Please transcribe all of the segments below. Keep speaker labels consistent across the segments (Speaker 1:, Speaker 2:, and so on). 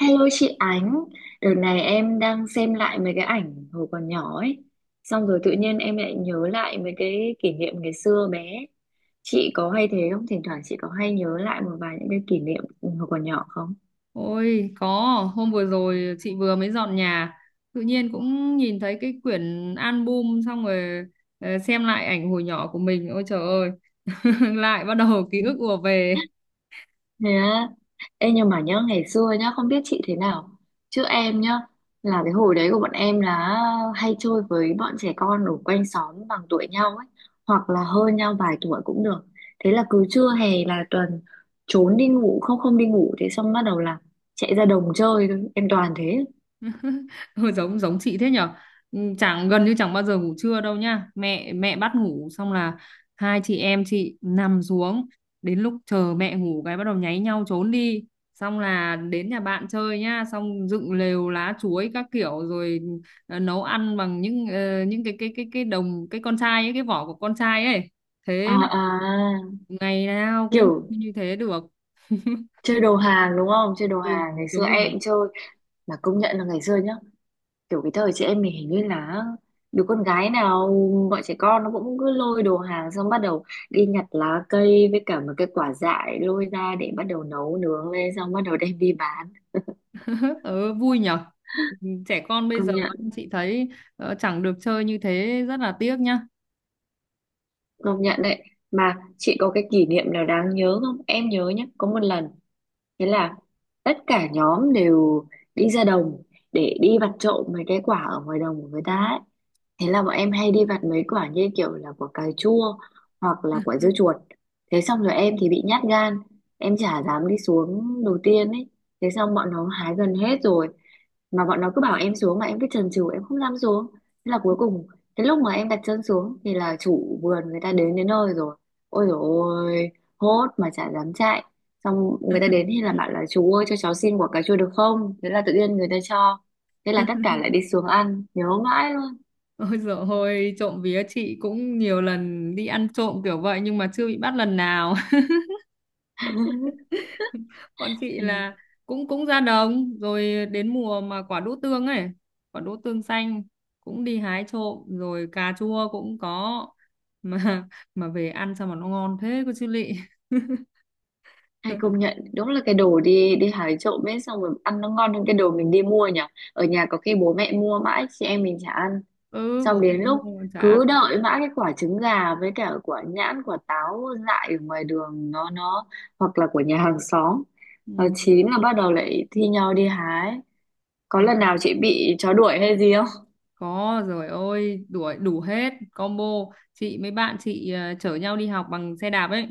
Speaker 1: Hello chị Ánh, đợt này em đang xem lại mấy cái ảnh hồi còn nhỏ ấy. Xong rồi tự nhiên em lại nhớ lại mấy cái kỷ niệm ngày xưa bé. Chị có hay thế không? Thỉnh thoảng chị có hay nhớ lại một vài những cái kỷ niệm hồi còn nhỏ không?
Speaker 2: Ôi có, hôm vừa rồi chị vừa mới dọn nhà, tự nhiên cũng nhìn thấy cái quyển album. Xong rồi xem lại ảnh hồi nhỏ của mình, ôi trời ơi, lại bắt đầu ký ức ùa về.
Speaker 1: Thế á. Ê, nhưng mà nhớ ngày xưa nhá. Không biết chị thế nào, chứ em nhá, là cái hồi đấy của bọn em là hay chơi với bọn trẻ con ở quanh xóm, bằng tuổi nhau ấy, hoặc là hơn nhau vài tuổi cũng được. Thế là cứ trưa hè là tuần, trốn đi ngủ, không không đi ngủ. Thế xong bắt đầu là chạy ra đồng chơi thôi. Em toàn thế.
Speaker 2: Hơi giống giống chị thế nhở. Ừ, chẳng gần như chẳng bao giờ ngủ trưa đâu nha, mẹ mẹ bắt ngủ xong là hai chị em chị nằm xuống, đến lúc chờ mẹ ngủ cái bắt đầu nháy nhau trốn đi, xong là đến nhà bạn chơi nhá, xong dựng lều lá chuối các kiểu rồi, nấu ăn bằng những cái con trai ấy, cái vỏ của con trai ấy,
Speaker 1: à,
Speaker 2: thế mà
Speaker 1: à,
Speaker 2: ngày nào cũng
Speaker 1: Kiểu
Speaker 2: như thế được.
Speaker 1: chơi đồ hàng đúng không, chơi đồ
Speaker 2: Ừ,
Speaker 1: hàng ngày
Speaker 2: đúng
Speaker 1: xưa
Speaker 2: rồi.
Speaker 1: em chơi. Mà công nhận là ngày xưa nhá, kiểu cái thời chị em mình hình như là đứa con gái nào, bọn trẻ con nó cũng cứ lôi đồ hàng xong bắt đầu đi nhặt lá cây với cả một cái quả dại, lôi ra để bắt đầu nấu nướng lên xong bắt đầu đem đi bán.
Speaker 2: Ừ, vui nhở. Trẻ con bây
Speaker 1: Công
Speaker 2: giờ
Speaker 1: nhận.
Speaker 2: chị thấy chẳng được chơi như thế, rất là tiếc nhá.
Speaker 1: Công nhận đấy. Mà chị có cái kỷ niệm nào đáng nhớ không? Em nhớ nhé, có một lần, thế là tất cả nhóm đều đi ra đồng để đi vặt trộm mấy cái quả ở ngoài đồng của người ta ấy. Thế là bọn em hay đi vặt mấy quả như kiểu là quả cà chua hoặc là quả dưa chuột. Thế xong rồi em thì bị nhát gan, em chả dám đi xuống đầu tiên ấy. Thế xong bọn nó hái gần hết rồi mà bọn nó cứ bảo em xuống, mà em cứ chần chừ em không dám xuống. Thế là cuối cùng cái lúc mà em đặt chân xuống thì là chủ vườn người ta đến đến nơi rồi. Ôi dồi ôi, hốt mà chả dám chạy. Xong người ta đến thì là bảo là chú ơi cho cháu xin quả cà chua được không, thế là tự nhiên người ta cho. Thế là tất cả lại đi xuống ăn, nhớ mãi luôn.
Speaker 2: Ôi dồi ôi, trộm vía chị cũng nhiều lần đi ăn trộm kiểu vậy nhưng mà chưa bị bắt lần nào. Bọn chị
Speaker 1: Thành.
Speaker 2: là cũng cũng ra đồng, rồi đến mùa mà quả đỗ tương ấy, quả đỗ tương xanh cũng đi hái trộm, rồi cà chua cũng có, mà mà về ăn sao mà nó ngon thế cô chú lị.
Speaker 1: Hay công nhận, đúng là cái đồ đi đi hái trộm ấy xong rồi ăn nó ngon hơn cái đồ mình đi mua nhỉ. Ở nhà có khi bố mẹ mua mãi chị em mình chả ăn.
Speaker 2: Ừ,
Speaker 1: Xong
Speaker 2: bố mẹ
Speaker 1: đến
Speaker 2: mua
Speaker 1: lúc
Speaker 2: mà chả ăn.
Speaker 1: cứ đợi mãi cái quả trứng gà với cả quả nhãn, quả táo dại ở ngoài đường nó hoặc là của nhà hàng xóm,
Speaker 2: Ừ.
Speaker 1: nó chín là bắt đầu lại thi nhau đi hái. Có
Speaker 2: Ừ.
Speaker 1: lần nào chị bị chó đuổi hay gì không?
Speaker 2: Có rồi, ôi đủ đủ hết combo. Chị mấy bạn chị chở nhau đi học bằng xe đạp ấy,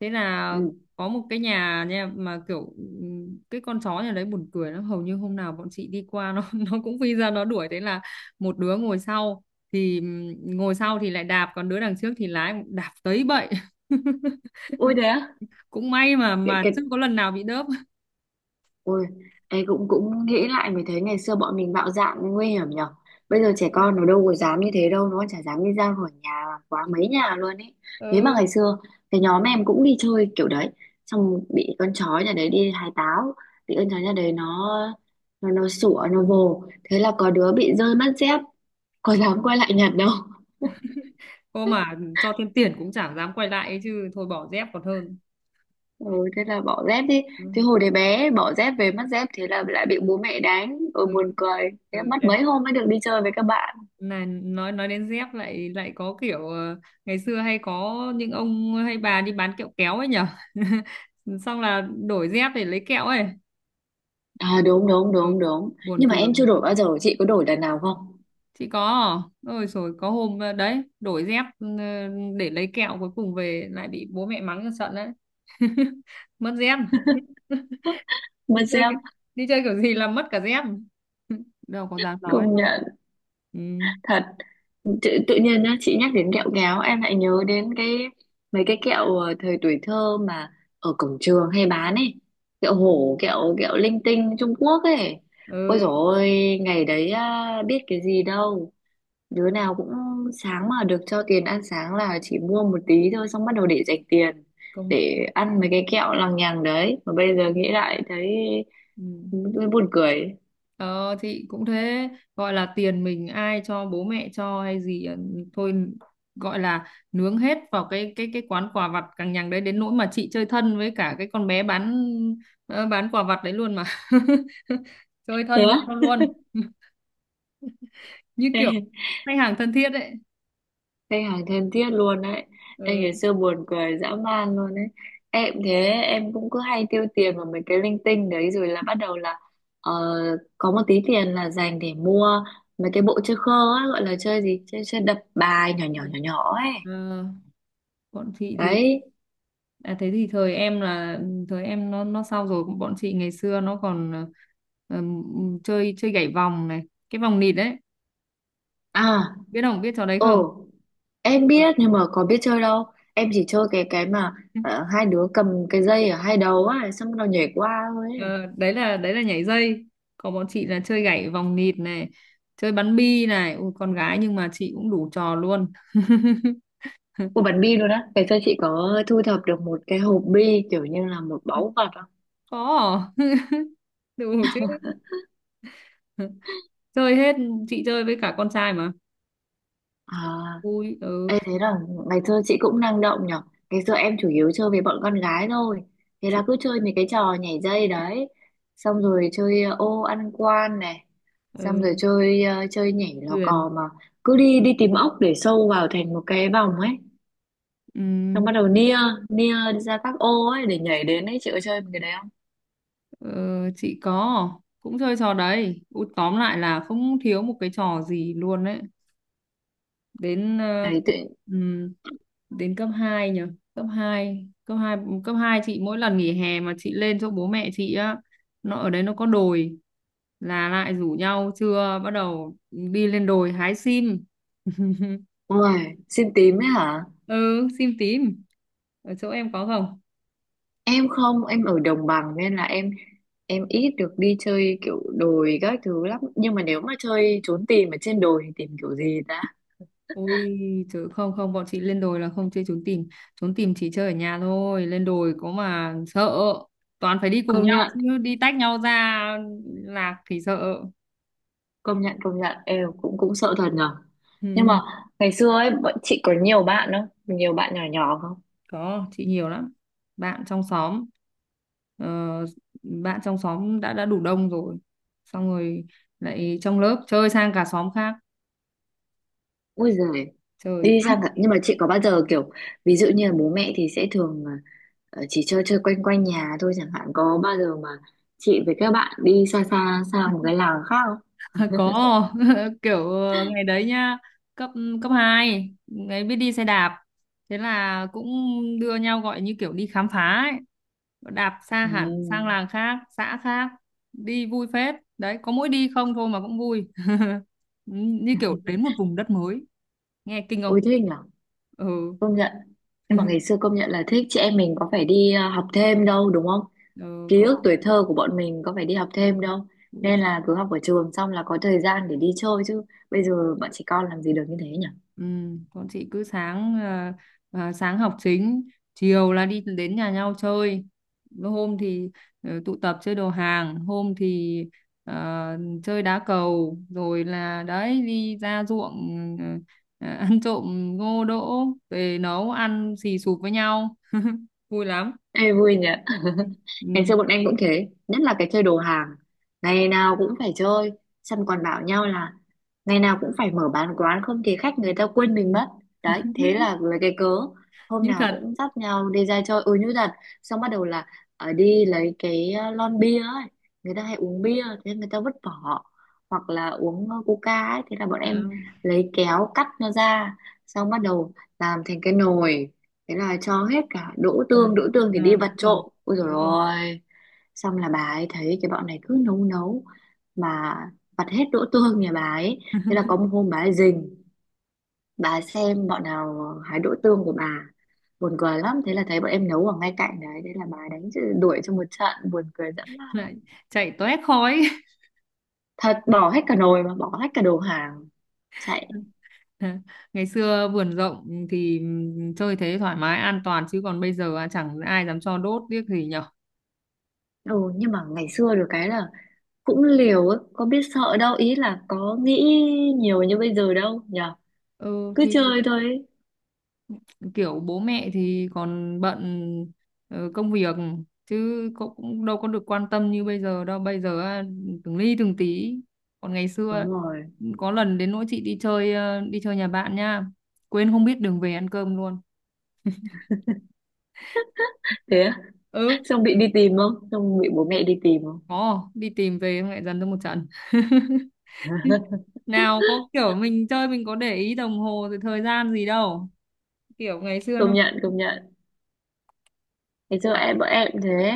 Speaker 2: thế là
Speaker 1: Ừ.
Speaker 2: có một cái nhà nha, mà kiểu cái con chó nhà đấy buồn cười lắm, hầu như hôm nào bọn chị đi qua nó nó cũng phi ra nó đuổi, thế là một đứa ngồi sau thì lại đạp, còn đứa đằng trước thì lái đạp tới bậy.
Speaker 1: Ôi đấy á?
Speaker 2: Cũng may mà
Speaker 1: Để
Speaker 2: mà
Speaker 1: cái,
Speaker 2: chưa có lần nào bị đớp.
Speaker 1: ôi, ấy cũng cũng nghĩ lại mới thấy ngày xưa bọn mình bạo dạn nguy hiểm nhở. Bây giờ trẻ con nó đâu có dám như thế đâu, nó chả dám đi ra khỏi nhà quá mấy nhà luôn ấy. Thế mà
Speaker 2: Ừ.
Speaker 1: ngày xưa cái nhóm em cũng đi chơi kiểu đấy, xong bị con chó nhà đấy, đi hái táo bị con chó nhà đấy nó, nó sủa nó vồ. Thế là có đứa bị rơi mất dép, có dám quay lại nhặt đâu.
Speaker 2: Cô mà cho thêm tiền cũng chẳng dám quay lại ấy chứ, thôi bỏ dép còn hơn.
Speaker 1: Ừ, thế là bỏ dép đi.
Speaker 2: Ừ.
Speaker 1: Thế hồi đấy bé bỏ dép về mất dép, thế là lại bị bố mẹ đánh. Ôi
Speaker 2: Ừ.
Speaker 1: buồn cười. Thế
Speaker 2: Ừ.
Speaker 1: mất mấy hôm mới được đi chơi với các bạn.
Speaker 2: Này, nói đến dép lại lại có kiểu, ngày xưa hay có những ông hay bà đi bán kẹo kéo ấy nhở. Xong là đổi dép để lấy kẹo ấy.
Speaker 1: À, đúng đúng
Speaker 2: Ừ.
Speaker 1: đúng đúng.
Speaker 2: Buồn
Speaker 1: Nhưng mà
Speaker 2: cười.
Speaker 1: em chưa đổi bao giờ, chị có đổi lần nào không?
Speaker 2: Chị có à? Ôi rồi, có hôm đấy đổi dép, để lấy kẹo, cuối cùng về lại bị bố mẹ mắng cho trận đấy. Mất dép, đi
Speaker 1: Mất
Speaker 2: chơi
Speaker 1: dép.
Speaker 2: kiểu- đi chơi kiểu gì là mất cả dép. Đâu có dám nói
Speaker 1: Công
Speaker 2: đâu.
Speaker 1: nhận.
Speaker 2: Ừ,
Speaker 1: Thật. Tự nhiên nhá, chị nhắc đến kẹo kéo em lại nhớ đến cái mấy cái kẹo thời tuổi thơ mà ở cổng trường hay bán ấy. Kẹo hổ, kẹo kẹo linh tinh Trung Quốc ấy. Ôi
Speaker 2: ừ,
Speaker 1: dồi ôi, ngày đấy à, biết cái gì đâu, đứa nào cũng sáng mà được cho tiền ăn sáng là chỉ mua một tí thôi xong bắt đầu để dành tiền
Speaker 2: công
Speaker 1: để ăn mấy cái kẹo lằng nhằng đấy, mà bây giờ nghĩ lại thấy
Speaker 2: ừ.
Speaker 1: buồn cười.
Speaker 2: Ờ thì cũng thế, gọi là tiền mình ai cho, bố mẹ cho hay gì, thôi gọi là nướng hết vào cái quán quà vặt cằng nhằng đấy, đến nỗi mà chị chơi thân với cả cái con bé bán, bán quà vặt đấy luôn mà. Chơi
Speaker 1: Thế
Speaker 2: thân với
Speaker 1: á.
Speaker 2: nhau luôn. Như
Speaker 1: Ê,
Speaker 2: kiểu khách hàng thân thiết đấy.
Speaker 1: khách hàng thân thiết luôn đấy. Ê, ngày
Speaker 2: Ừ.
Speaker 1: xưa buồn cười dã man luôn đấy. Em thế, em cũng cứ hay tiêu tiền vào mấy cái linh tinh đấy rồi là bắt đầu là, ờ, có một tí tiền là dành để mua mấy cái bộ chơi khơ á, gọi là chơi gì, chơi chơi đập bài nhỏ nhỏ nhỏ nhỏ ấy.
Speaker 2: Ờ, bọn chị thì
Speaker 1: Đấy.
Speaker 2: à, thế thì thời em nó sao rồi, bọn chị ngày xưa nó còn chơi chơi gảy vòng này, cái vòng nịt đấy.
Speaker 1: À.
Speaker 2: Biết không? Biết trò đấy không?
Speaker 1: Ồ, em
Speaker 2: Rồi.
Speaker 1: biết nhưng mà có biết chơi đâu. Em chỉ chơi cái mà hai đứa cầm cái dây ở hai đầu á, xong nó nhảy qua thôi ấy.
Speaker 2: Ờ, đấy là nhảy dây, còn bọn chị là chơi gảy vòng nhịp này, chơi bắn bi này. Ui, con gái nhưng mà chị cũng đủ trò luôn.
Speaker 1: Một bắn bi luôn á. Ngày xưa chị có thu thập được một cái hộp bi kiểu như là một báu vật không?
Speaker 2: Có à? Đủ chứ, chơi hết, chị chơi với cả con trai mà,
Speaker 1: À,
Speaker 2: vui. Ừ.
Speaker 1: em thấy là ngày xưa chị cũng năng động nhở. Ngày xưa em chủ yếu chơi với bọn con gái thôi. Thế là
Speaker 2: chị
Speaker 1: cứ chơi mấy cái trò nhảy dây đấy. Xong rồi chơi ô ăn quan này. Xong rồi
Speaker 2: ừ,
Speaker 1: chơi chơi nhảy lò
Speaker 2: Huyền,
Speaker 1: cò mà cứ đi đi tìm ốc để sâu vào thành một cái vòng ấy, xong
Speaker 2: ừm,
Speaker 1: bắt đầu nia, nia đi ra các ô ấy để nhảy đến ấy. Chị có chơi cái đấy không?
Speaker 2: ờ, chị có, cũng chơi trò đấy. Ui, tóm lại là không thiếu một cái trò gì luôn đấy, đến ờ,
Speaker 1: Đấy tự.
Speaker 2: ừm, đến cấp 2 nhỉ, cấp 2 cấp 2 cấp 2 chị mỗi lần nghỉ hè mà chị lên chỗ bố mẹ chị á, nó ở đấy nó có đồi, là lại rủ nhau trưa bắt đầu đi lên đồi hái sim.
Speaker 1: Ôi, xin tím ấy hả?
Speaker 2: Ừ, sim tím. Ở chỗ em có không?
Speaker 1: Em không, em ở đồng bằng nên là em ít được đi chơi kiểu đồi các thứ lắm. Nhưng mà nếu mà chơi trốn tìm ở trên đồi thì tìm kiểu gì ta?
Speaker 2: Ôi chứ không, không, bọn chị lên đồi là không chơi trốn tìm, trốn tìm chỉ chơi ở nhà thôi, lên đồi có mà sợ, toàn phải đi cùng
Speaker 1: Công
Speaker 2: nhau
Speaker 1: nhận.
Speaker 2: chứ đi tách nhau ra lạc thì sợ.
Speaker 1: Công nhận em cũng cũng sợ thật nhở. Nhưng mà ngày xưa ấy bọn chị có nhiều bạn không, nhiều bạn nhỏ nhỏ không?
Speaker 2: Có, chị nhiều lắm, bạn trong xóm ờ, bạn trong xóm đã đủ đông rồi, xong rồi lại trong lớp chơi sang cả xóm khác.
Speaker 1: Ui giời.
Speaker 2: Trời
Speaker 1: Đi
Speaker 2: ác.
Speaker 1: sang cả- nhưng mà chị có bao giờ kiểu ví dụ như là bố mẹ thì sẽ thường à, chỉ chơi chơi quanh quanh nhà thôi chẳng hạn, có bao giờ mà chị với các bạn đi xa xa sang một cái làng khác không?
Speaker 2: Có. Kiểu ngày đấy nhá, cấp cấp 2 ngày biết đi xe đạp, thế là cũng đưa nhau gọi như kiểu đi khám phá ấy, đạp xa
Speaker 1: Ừ.
Speaker 2: hẳn sang làng khác xã khác. Đi vui phết đấy, có mỗi đi không thôi mà cũng vui, như kiểu đến một vùng đất mới, nghe kinh
Speaker 1: Ôi
Speaker 2: không.
Speaker 1: thích nhở.
Speaker 2: Ừ.
Speaker 1: Công nhận. Nhưng mà ngày xưa công nhận là thích, chị em mình có phải đi học thêm đâu đúng không?
Speaker 2: Ừ,
Speaker 1: Ký
Speaker 2: có
Speaker 1: ức
Speaker 2: học.
Speaker 1: tuổi thơ của bọn mình có phải đi học thêm đâu, nên là cứ học ở trường xong là có thời gian để đi chơi chứ. Bây giờ bọn trẻ con làm gì được như thế nhỉ.
Speaker 2: Ừ, con chị cứ sáng học chính, chiều là đi đến nhà nhau chơi, hôm thì tụ tập chơi đồ hàng, hôm thì ờ, chơi đá cầu, rồi là đấy đi ra ruộng, ăn trộm ngô đỗ, về nấu ăn xì xụp với nhau, vui lắm.
Speaker 1: Ê, vui nhỉ. Ngày
Speaker 2: Ừ.
Speaker 1: xưa bọn em cũng thế, nhất là cái chơi đồ hàng, ngày nào cũng phải chơi. Xong còn bảo nhau là ngày nào cũng phải mở bán quán, không thì khách người ta quên mình mất. Đấy, thế là lấy cái cớ hôm
Speaker 2: Như
Speaker 1: nào
Speaker 2: thật.
Speaker 1: cũng dắt nhau đi ra chơi, ôi như thật. Xong bắt đầu là ở đi lấy cái lon bia ấy, người ta hay uống bia thế người ta vứt vỏ hoặc là uống coca ấy, thế là bọn
Speaker 2: Ờ,
Speaker 1: em lấy kéo cắt nó ra, xong bắt đầu làm thành cái nồi. Thế là cho hết cả đỗ
Speaker 2: à,
Speaker 1: tương, đỗ tương thì đi vặt
Speaker 2: Đúng rồi,
Speaker 1: trộm, ôi dồi
Speaker 2: đúng rồi,
Speaker 1: ôi. Xong là bà ấy thấy cái bọn này cứ nấu nấu mà vặt hết đỗ tương nhà bà ấy. Thế là có một hôm bà ấy rình, bà ấy xem bọn nào hái đỗ tương của bà, buồn cười lắm. Thế là thấy bọn em nấu ở ngay cạnh đấy, thế là bà ấy đánh chữ- đuổi cho một trận, buồn cười dã man.
Speaker 2: lại chạy toét khói.
Speaker 1: Thật, bỏ hết cả nồi mà bỏ hết cả đồ hàng, chạy.
Speaker 2: Ngày xưa vườn rộng thì chơi thế thoải mái an toàn, chứ còn bây giờ chẳng ai dám cho đốt tiếc gì nhở.
Speaker 1: Ừ, nhưng mà ngày xưa được cái là cũng liều ấy, có biết sợ đâu, ý là có nghĩ nhiều như bây giờ đâu nhở.
Speaker 2: Ừ
Speaker 1: Cứ
Speaker 2: thì
Speaker 1: chơi thôi ấy.
Speaker 2: kiểu bố mẹ thì còn bận công việc, chứ cũng cũng đâu có được quan tâm như bây giờ đâu, bây giờ từng ly từng tí, còn ngày
Speaker 1: Đúng
Speaker 2: xưa
Speaker 1: rồi.
Speaker 2: có lần đến nỗi chị đi chơi nhà bạn nha, quên không biết đường về ăn cơm luôn.
Speaker 1: Thế á?
Speaker 2: Ừ,
Speaker 1: Xong bị đi tìm không, xong bị bố mẹ đi tìm không?
Speaker 2: có đi tìm, về xong lại dần cho một trận. Nào có kiểu mình chơi mình có để ý đồng hồ rồi thời gian gì đâu, kiểu ngày xưa
Speaker 1: công
Speaker 2: nó
Speaker 1: nhận công nhận thế giờ
Speaker 2: mãi
Speaker 1: em bọn em cũng thế,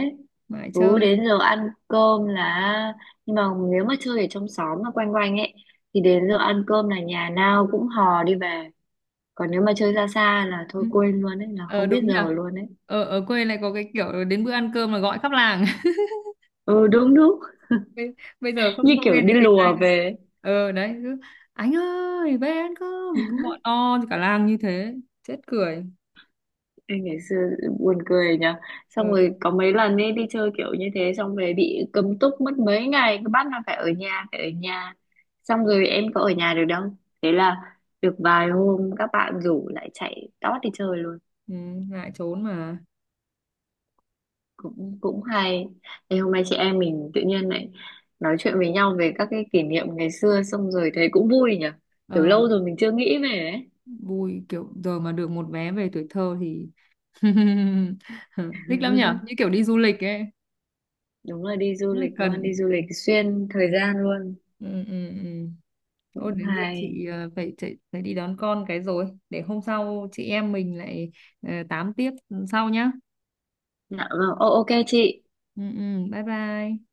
Speaker 2: mãi
Speaker 1: cứ
Speaker 2: chơi.
Speaker 1: đến giờ ăn cơm là, nhưng mà nếu mà chơi ở trong xóm mà quanh quanh ấy thì đến giờ ăn cơm là nhà nào cũng hò đi về. Còn nếu mà chơi ra xa là thôi quên luôn ấy, là
Speaker 2: Ờ
Speaker 1: không biết
Speaker 2: đúng nhỉ,
Speaker 1: giờ luôn ấy.
Speaker 2: ở ở quê lại có cái kiểu đến bữa ăn cơm là gọi khắp làng.
Speaker 1: Ừ, đúng đúng.
Speaker 2: bây, bây giờ
Speaker 1: Như
Speaker 2: không không
Speaker 1: kiểu
Speaker 2: nghe thấy
Speaker 1: đi
Speaker 2: tiếng ai.
Speaker 1: lùa về ấy.
Speaker 2: Ờ đấy, cứ anh ơi về ăn cơm, cứ gọi to thì cả làng như thế, chết cười.
Speaker 1: Ê, ngày xưa buồn cười nhỉ.
Speaker 2: ờ,
Speaker 1: Xong rồi có mấy lần ấy đi chơi kiểu như thế xong về bị cấm túc mất mấy ngày, cứ bắt là phải ở nhà, phải ở nhà. Xong rồi em có ở nhà được đâu, thế là được vài hôm các bạn rủ lại chạy tót đi chơi luôn.
Speaker 2: ừ, ngại trốn mà.
Speaker 1: Cũng cũng hay. Thế hôm nay chị em mình tự nhiên lại nói chuyện với nhau về các cái kỷ niệm ngày xưa xong rồi thấy cũng vui nhỉ, kiểu
Speaker 2: ờ,
Speaker 1: lâu rồi mình chưa nghĩ về ấy.
Speaker 2: Vui, kiểu giờ mà được một vé về tuổi thơ thì, thích lắm nhở, như kiểu đi du lịch ấy.
Speaker 1: Đúng là đi du
Speaker 2: Rất là
Speaker 1: lịch luôn, đi
Speaker 2: cần.
Speaker 1: du lịch xuyên thời gian luôn.
Speaker 2: Ừ. Ừ. Ừ. Ô,
Speaker 1: Cũng
Speaker 2: đến giờ
Speaker 1: hay.
Speaker 2: chị phải chạy, phải đi đón con cái rồi, để hôm sau chị em mình lại tám tiếp sau nhá.
Speaker 1: Dạ vâng, ô- ok chị.
Speaker 2: Ừ. Ừ. Bye bye.